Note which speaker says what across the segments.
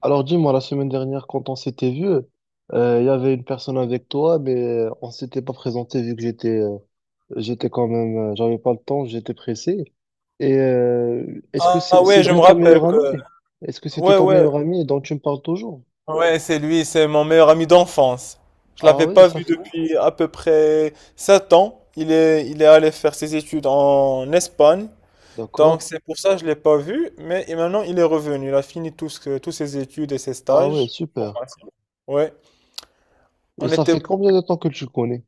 Speaker 1: Alors dis-moi, la semaine dernière, quand on s'était vu, il y avait une personne avec toi, mais on s'était pas présenté vu que j'étais quand même, j'avais pas le temps, j'étais pressé. Et est-ce que
Speaker 2: Ah
Speaker 1: c'est
Speaker 2: ouais,
Speaker 1: c'est
Speaker 2: je
Speaker 1: bien
Speaker 2: me
Speaker 1: ton
Speaker 2: rappelle
Speaker 1: meilleur
Speaker 2: que.
Speaker 1: ami? Est-ce que c'était
Speaker 2: Ouais,
Speaker 1: ton
Speaker 2: ouais,
Speaker 1: meilleur ami dont tu me parles toujours?
Speaker 2: ouais, c'est lui, c'est mon meilleur ami d'enfance. Je
Speaker 1: Ah
Speaker 2: l'avais
Speaker 1: oui,
Speaker 2: pas
Speaker 1: ça
Speaker 2: vu
Speaker 1: fait.
Speaker 2: depuis à peu près 7 ans. Il est allé faire ses études en Espagne. Donc
Speaker 1: D'accord.
Speaker 2: c'est pour ça que je l'ai pas vu. Mais et maintenant, il est revenu. Il a fini tous ses études et ses
Speaker 1: Ah oui,
Speaker 2: stages.
Speaker 1: super.
Speaker 2: Ouais.
Speaker 1: Et
Speaker 2: On
Speaker 1: ça
Speaker 2: était,
Speaker 1: fait combien de temps que tu le connais?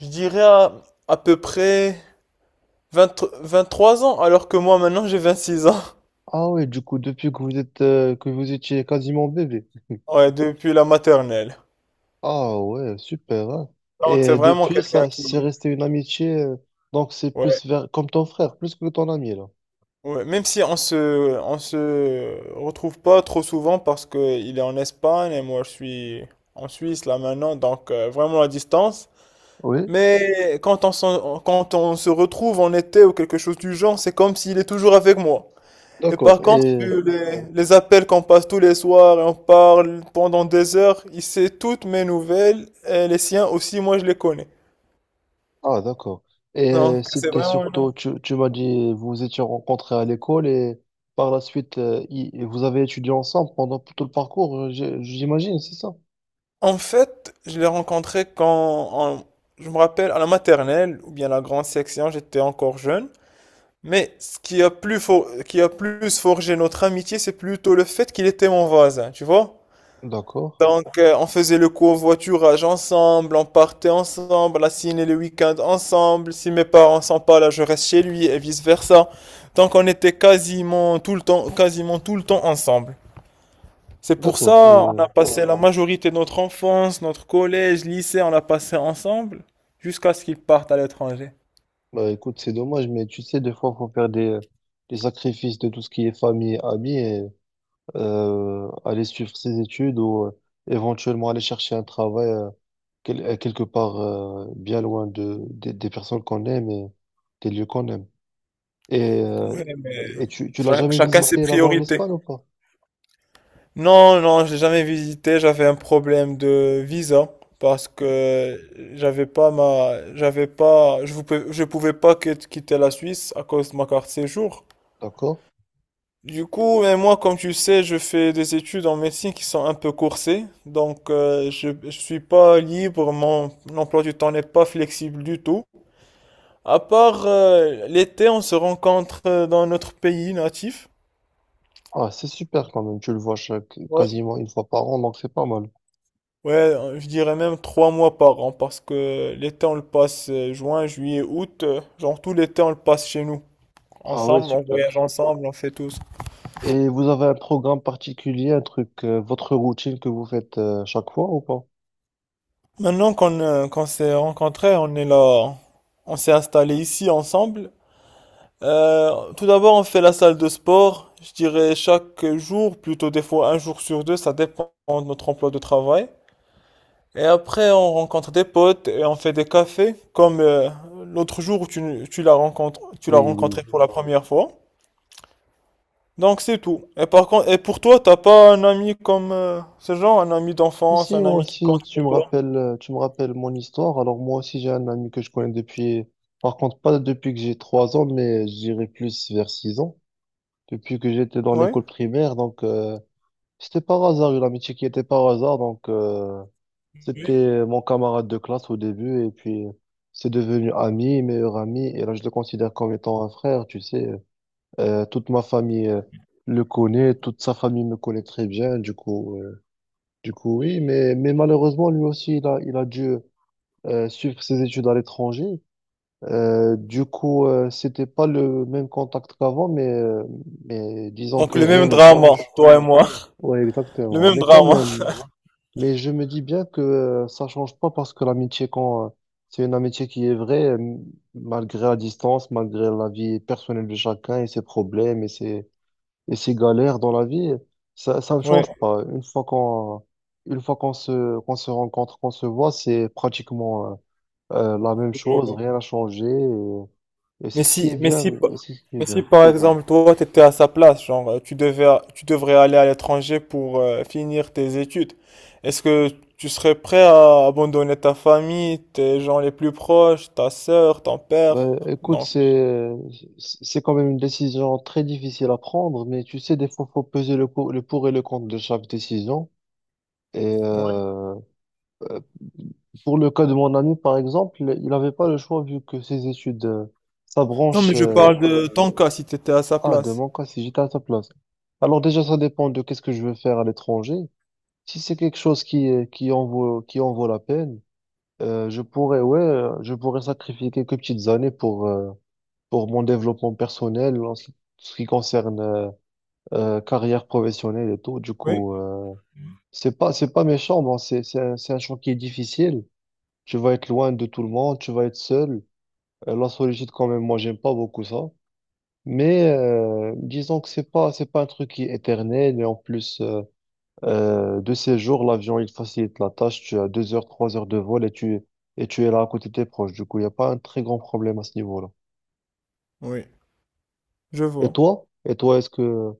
Speaker 2: je dirais, à peu près vingt 23 ans, alors que moi, maintenant, j'ai 26 ans.
Speaker 1: Ah oui, du coup, depuis que vous étiez quasiment bébé.
Speaker 2: Ouais, depuis la maternelle.
Speaker 1: Ah ouais, super, hein.
Speaker 2: Donc c'est
Speaker 1: Et
Speaker 2: vraiment
Speaker 1: depuis,
Speaker 2: quelqu'un
Speaker 1: ça,
Speaker 2: qui.
Speaker 1: c'est resté une amitié, donc c'est
Speaker 2: Ouais.
Speaker 1: plus vers, comme ton frère, plus que ton ami, là.
Speaker 2: Ouais, même si on se retrouve pas trop souvent parce que il est en Espagne et moi je suis en Suisse là maintenant, donc vraiment à distance.
Speaker 1: Oui,
Speaker 2: Mais quand on se retrouve en été ou quelque chose du genre, c'est comme s'il est toujours avec moi. Et
Speaker 1: d'accord.
Speaker 2: par contre,
Speaker 1: Et,
Speaker 2: vu les appels qu'on passe tous les soirs et on parle pendant des heures, il sait toutes mes nouvelles et les siens aussi, moi je les connais.
Speaker 1: ah, d'accord. Et
Speaker 2: Donc c'est
Speaker 1: c'était
Speaker 2: vraiment une
Speaker 1: surtout, tu m'as dit, vous vous étiez rencontrés à l'école et par la suite, vous avez étudié ensemble pendant tout le parcours, j'imagine, c'est ça?
Speaker 2: En fait, je l'ai rencontré en- je me rappelle, à la maternelle ou bien la grande section, j'étais encore jeune. Mais ce qui a plus, forgé notre amitié, c'est plutôt le fait qu'il était mon voisin, tu vois?
Speaker 1: D'accord,
Speaker 2: Donc, on faisait le covoiturage ensemble, on partait ensemble, la ciné le week-end ensemble. Si mes parents sont pas là, je reste chez lui et vice-versa. Donc, on était quasiment tout le temps, quasiment tout le temps ensemble. C'est pour
Speaker 1: d'accord. Et,
Speaker 2: ça, on a passé la majorité de notre enfance, notre collège, lycée, on l'a passé ensemble, jusqu'à ce qu'ils partent à l'étranger.
Speaker 1: bah, écoute, c'est dommage, mais tu sais, des fois, faut faire des sacrifices de tout ce qui est famille, amis, aller suivre ses études ou éventuellement aller chercher un travail quelque part, bien loin de, des personnes qu'on aime et des lieux qu'on aime. Et, euh,
Speaker 2: Ouais, mais
Speaker 1: et tu l'as jamais
Speaker 2: chacun ses
Speaker 1: visité là-bas en
Speaker 2: priorités.
Speaker 1: Espagne ou pas?
Speaker 2: Non, non, j'ai jamais visité. J'avais un problème de visa parce que j'avais pas ma, j'avais pas, je vous, pouvais- je pouvais pas quitter la Suisse à cause de ma carte séjour.
Speaker 1: D'accord?
Speaker 2: Du coup, mais moi, comme tu sais, je fais des études en médecine qui sont un peu coursées, donc je suis pas libre, mon emploi du temps n'est pas flexible du tout. À part l'été, on se rencontre dans notre pays natif.
Speaker 1: Ah, c'est super quand même, tu le vois chaque,
Speaker 2: Ouais.
Speaker 1: quasiment une fois par an, donc c'est pas mal.
Speaker 2: Ouais, je dirais même 3 mois par an, parce que l'été, on le passe juin, juillet, août, genre tout l'été, on le passe chez nous.
Speaker 1: Ah ouais,
Speaker 2: Ensemble, on
Speaker 1: super.
Speaker 2: voyage ensemble, on fait tous.
Speaker 1: Et vous avez un programme particulier, un truc, votre routine que vous faites chaque fois ou pas?
Speaker 2: Maintenant qu'on s'est rencontrés, on est là, on s'est installés ici ensemble. Tout d'abord, on fait la salle de sport, je dirais chaque jour, plutôt des fois un jour sur deux, ça dépend de notre emploi de travail. Et après, on rencontre des potes et on fait des cafés, comme l'autre jour où tu l'as
Speaker 1: Oui, oui.
Speaker 2: rencontré pour la première fois. Donc c'est tout. Et par contre, et pour toi, t'as pas un ami comme ce genre, un ami d'enfance,
Speaker 1: Si,
Speaker 2: un
Speaker 1: moi
Speaker 2: ami qui
Speaker 1: aussi,
Speaker 2: compte
Speaker 1: tu
Speaker 2: pour
Speaker 1: me
Speaker 2: toi?
Speaker 1: rappelles, euh, tu me rappelles mon histoire. Alors, moi aussi, j'ai un ami que je connais depuis, par contre, pas depuis que j'ai 3 ans, mais je dirais plus vers 6 ans, depuis que j'étais dans
Speaker 2: Oui.
Speaker 1: l'école primaire. Donc, c'était par hasard, une amitié qui était par hasard. Donc, c'était mon camarade de classe au début, et puis, c'est devenu ami, meilleur ami. Et là, je le considère comme étant un frère, tu sais. Toute ma famille, le connaît, toute sa famille me connaît très bien. Du coup, oui, mais malheureusement, lui aussi, il a dû suivre ses études à l'étranger. Du coup, c'était pas le même contact qu'avant, mais disons
Speaker 2: Donc
Speaker 1: que
Speaker 2: le
Speaker 1: rien
Speaker 2: même
Speaker 1: ne
Speaker 2: drama,
Speaker 1: change.
Speaker 2: toi et moi,
Speaker 1: Oui,
Speaker 2: le
Speaker 1: exactement.
Speaker 2: même
Speaker 1: Mais quand
Speaker 2: drama.
Speaker 1: même, mais je me dis bien que ça change pas parce que l'amitié, quand c'est une amitié qui est vraie, malgré la distance, malgré la vie personnelle de chacun et ses problèmes et et ces galères dans la vie, ça ne
Speaker 2: Oui.
Speaker 1: change pas. Une fois qu'on se rencontre, qu'on se voit, c'est pratiquement la même chose, rien n'a changé. Et c'est
Speaker 2: Mais
Speaker 1: ce qui
Speaker 2: si,
Speaker 1: est
Speaker 2: mais
Speaker 1: bien,
Speaker 2: si, pa-
Speaker 1: c'est ce qui est
Speaker 2: mais si
Speaker 1: bien.
Speaker 2: par exemple toi tu étais à sa place, genre tu devrais aller à l'étranger pour finir tes études, est-ce que tu serais prêt à abandonner ta famille, tes gens les plus proches, ta sœur, ton père?
Speaker 1: Ben, écoute,
Speaker 2: Donc,
Speaker 1: c'est quand même une décision très difficile à prendre, mais tu sais, des fois, faut peser le pour et le contre de chaque décision. Et
Speaker 2: ouais.
Speaker 1: euh, pour le cas de mon ami, par exemple, il n'avait pas le choix vu que ses études, sa
Speaker 2: Non, mais
Speaker 1: branche,
Speaker 2: je
Speaker 1: euh,
Speaker 2: parle de ton cas si tu étais à sa
Speaker 1: Ah, de
Speaker 2: place.
Speaker 1: mon cas, si j'étais à ta place. Alors déjà, ça dépend de qu'est-ce que je veux faire à l'étranger. Si c'est quelque chose qui en vaut la peine, je pourrais, ouais, je pourrais sacrifier quelques petites années pour mon développement personnel en ce qui concerne carrière professionnelle et tout. Du
Speaker 2: Oui.
Speaker 1: coup, c'est pas méchant, bon, c'est un champ qui est difficile. Tu vas être loin de tout le monde, tu vas être seul. La solitude, quand même, moi, j'aime pas beaucoup ça. Mais disons que c'est pas un truc qui est éternel, et en plus de ces jours, l'avion, il facilite la tâche. Tu as 2 heures, 3 heures de vol, et tu es là à côté de tes proches. Du coup, il n'y a pas un très grand problème à ce niveau-là.
Speaker 2: Oui. Je
Speaker 1: et
Speaker 2: vois.
Speaker 1: toi et toi est-ce que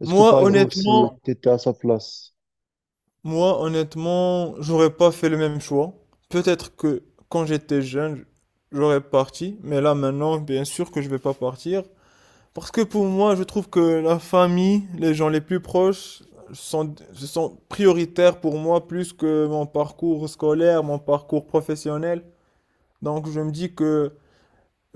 Speaker 1: est-ce que par
Speaker 2: Moi,
Speaker 1: exemple si
Speaker 2: honnêtement,
Speaker 1: tu étais à sa place?
Speaker 2: Moi, honnêtement, j'aurais pas fait le même choix. Peut-être que quand j'étais jeune, j'aurais parti, mais là maintenant, bien sûr que je vais pas partir. Parce que pour moi, je trouve que la famille, les gens les plus proches, sont prioritaires pour moi plus que mon parcours scolaire, mon parcours professionnel. Donc je me dis que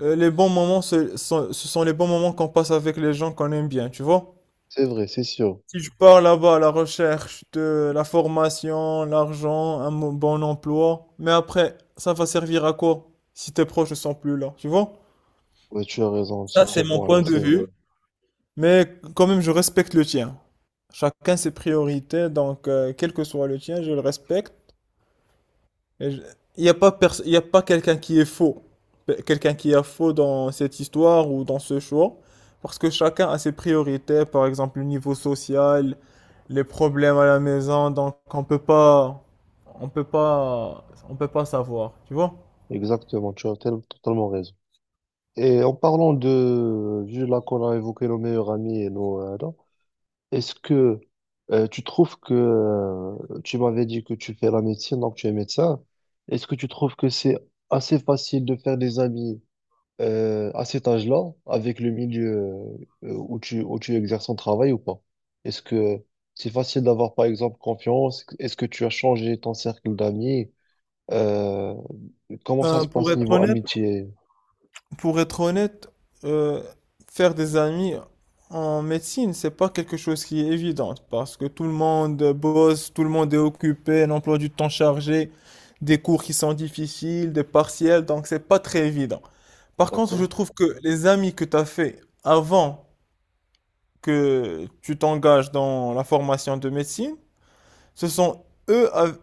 Speaker 2: les bons moments, ce sont les bons moments qu'on passe avec les gens qu'on aime bien, tu vois?
Speaker 1: C'est vrai, c'est sûr.
Speaker 2: Si je pars là-bas à la recherche de la formation, l'argent, bon emploi, mais après, ça va servir à quoi si tes proches ne sont plus là, tu vois?
Speaker 1: Ouais, tu as raison
Speaker 2: Ça,
Speaker 1: sur ce
Speaker 2: c'est mon
Speaker 1: point-là,
Speaker 2: point de
Speaker 1: c'est vrai.
Speaker 2: vue, mais quand même, je respecte le tien. Chacun ses priorités, donc quel que soit le tien, je le respecte. Et je- il y a pas quelqu'un qui est faux, quelqu'un qui est faux dans cette histoire ou dans ce choix, parce que chacun a ses priorités, par exemple le niveau social, les problèmes à la maison, donc on peut pas, on peut pas savoir, tu vois?
Speaker 1: Exactement, tu as totalement raison. Et en parlant de, vu là qu'on a évoqué nos meilleurs amis et nos, est-ce que tu trouves que tu m'avais dit que tu fais la médecine, donc tu es médecin. Est-ce que tu trouves que c'est assez facile de faire des amis à cet âge-là, avec le milieu où tu exerces ton travail ou pas? Est-ce que c'est facile d'avoir par exemple confiance? Est-ce que tu as changé ton cercle d'amis? Euh, comment ça
Speaker 2: Ben,
Speaker 1: se
Speaker 2: pour
Speaker 1: passe
Speaker 2: être
Speaker 1: niveau
Speaker 2: honnête,
Speaker 1: amitié?
Speaker 2: Pour être honnête, euh, faire des amis en médecine, c'est pas quelque chose qui est évident parce que tout le monde bosse, tout le monde est occupé, un emploi du temps chargé, des cours qui sont difficiles, des partiels, donc c'est pas très évident. Par contre, je
Speaker 1: D'accord?
Speaker 2: trouve que les amis que tu as fait avant que tu t'engages dans la formation de médecine, ce sont eux, av-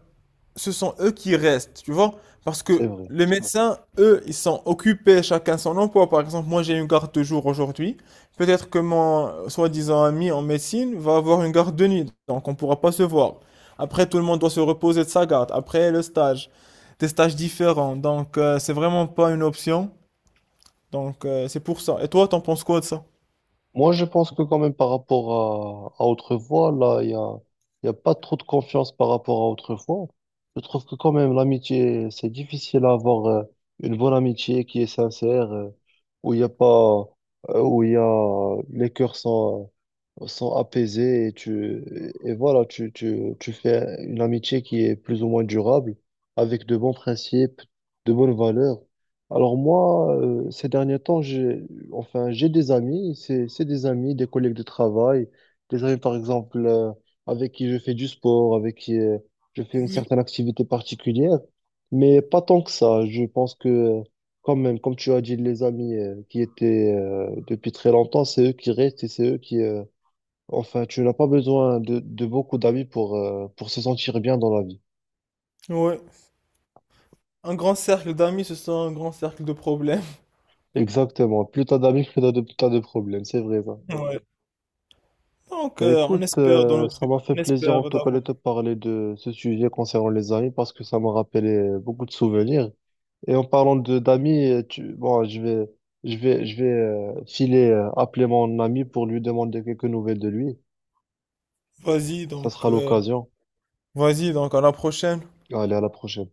Speaker 2: ce sont eux qui restent, tu vois? Parce
Speaker 1: C'est
Speaker 2: que
Speaker 1: vrai.
Speaker 2: les médecins, eux, ils sont occupés, chacun son emploi. Par exemple, moi, j'ai une garde de jour aujourd'hui. Peut-être que mon soi-disant ami en médecine va avoir une garde de nuit, donc on ne pourra pas se voir. Après, tout le monde doit se reposer de sa garde. Après, le stage, des stages différents. Donc, c'est vraiment pas une option. Donc, c'est pour ça. Et toi, t'en penses quoi de ça?
Speaker 1: Moi, je pense que quand même, par rapport à autrefois, là, il y a pas trop de confiance par rapport à autrefois. Je trouve que quand même l'amitié, c'est difficile à avoir une bonne amitié qui est sincère, où il y a pas, où il y a, les cœurs sont, sont apaisés, et tu, voilà, tu fais une amitié qui est plus ou moins durable, avec de bons principes, de bonnes valeurs. Alors moi, ces derniers temps, j'ai enfin j'ai des amis, c'est des amis, des collègues de travail, des amis par exemple avec qui je fais du sport, avec qui je fais une certaine activité particulière. Mais pas tant que ça. Je pense que quand même, comme tu as dit, les amis qui étaient depuis très longtemps, c'est eux qui restent, et c'est eux qui. Enfin, tu n'as pas besoin de beaucoup d'amis pour se sentir bien dans la vie.
Speaker 2: Ouais. Un grand cercle d'amis, ce sont un grand cercle de problèmes.
Speaker 1: Exactement. Plus t'as d'amis, plus t'as de problèmes. C'est vrai, ça.
Speaker 2: Ouais. Donc,
Speaker 1: Ben écoute, ça m'a fait
Speaker 2: on
Speaker 1: plaisir
Speaker 2: espère
Speaker 1: en tout cas de
Speaker 2: d'avoir.
Speaker 1: te parler de ce sujet concernant les amis, parce que ça m'a rappelé beaucoup de souvenirs. Et en parlant de d'amis, bon, je vais filer, appeler mon ami pour lui demander quelques nouvelles de lui.
Speaker 2: Vas-y
Speaker 1: Ça
Speaker 2: donc,
Speaker 1: sera
Speaker 2: euh,
Speaker 1: l'occasion.
Speaker 2: Vas-y donc à la prochaine.
Speaker 1: Allez, à la prochaine.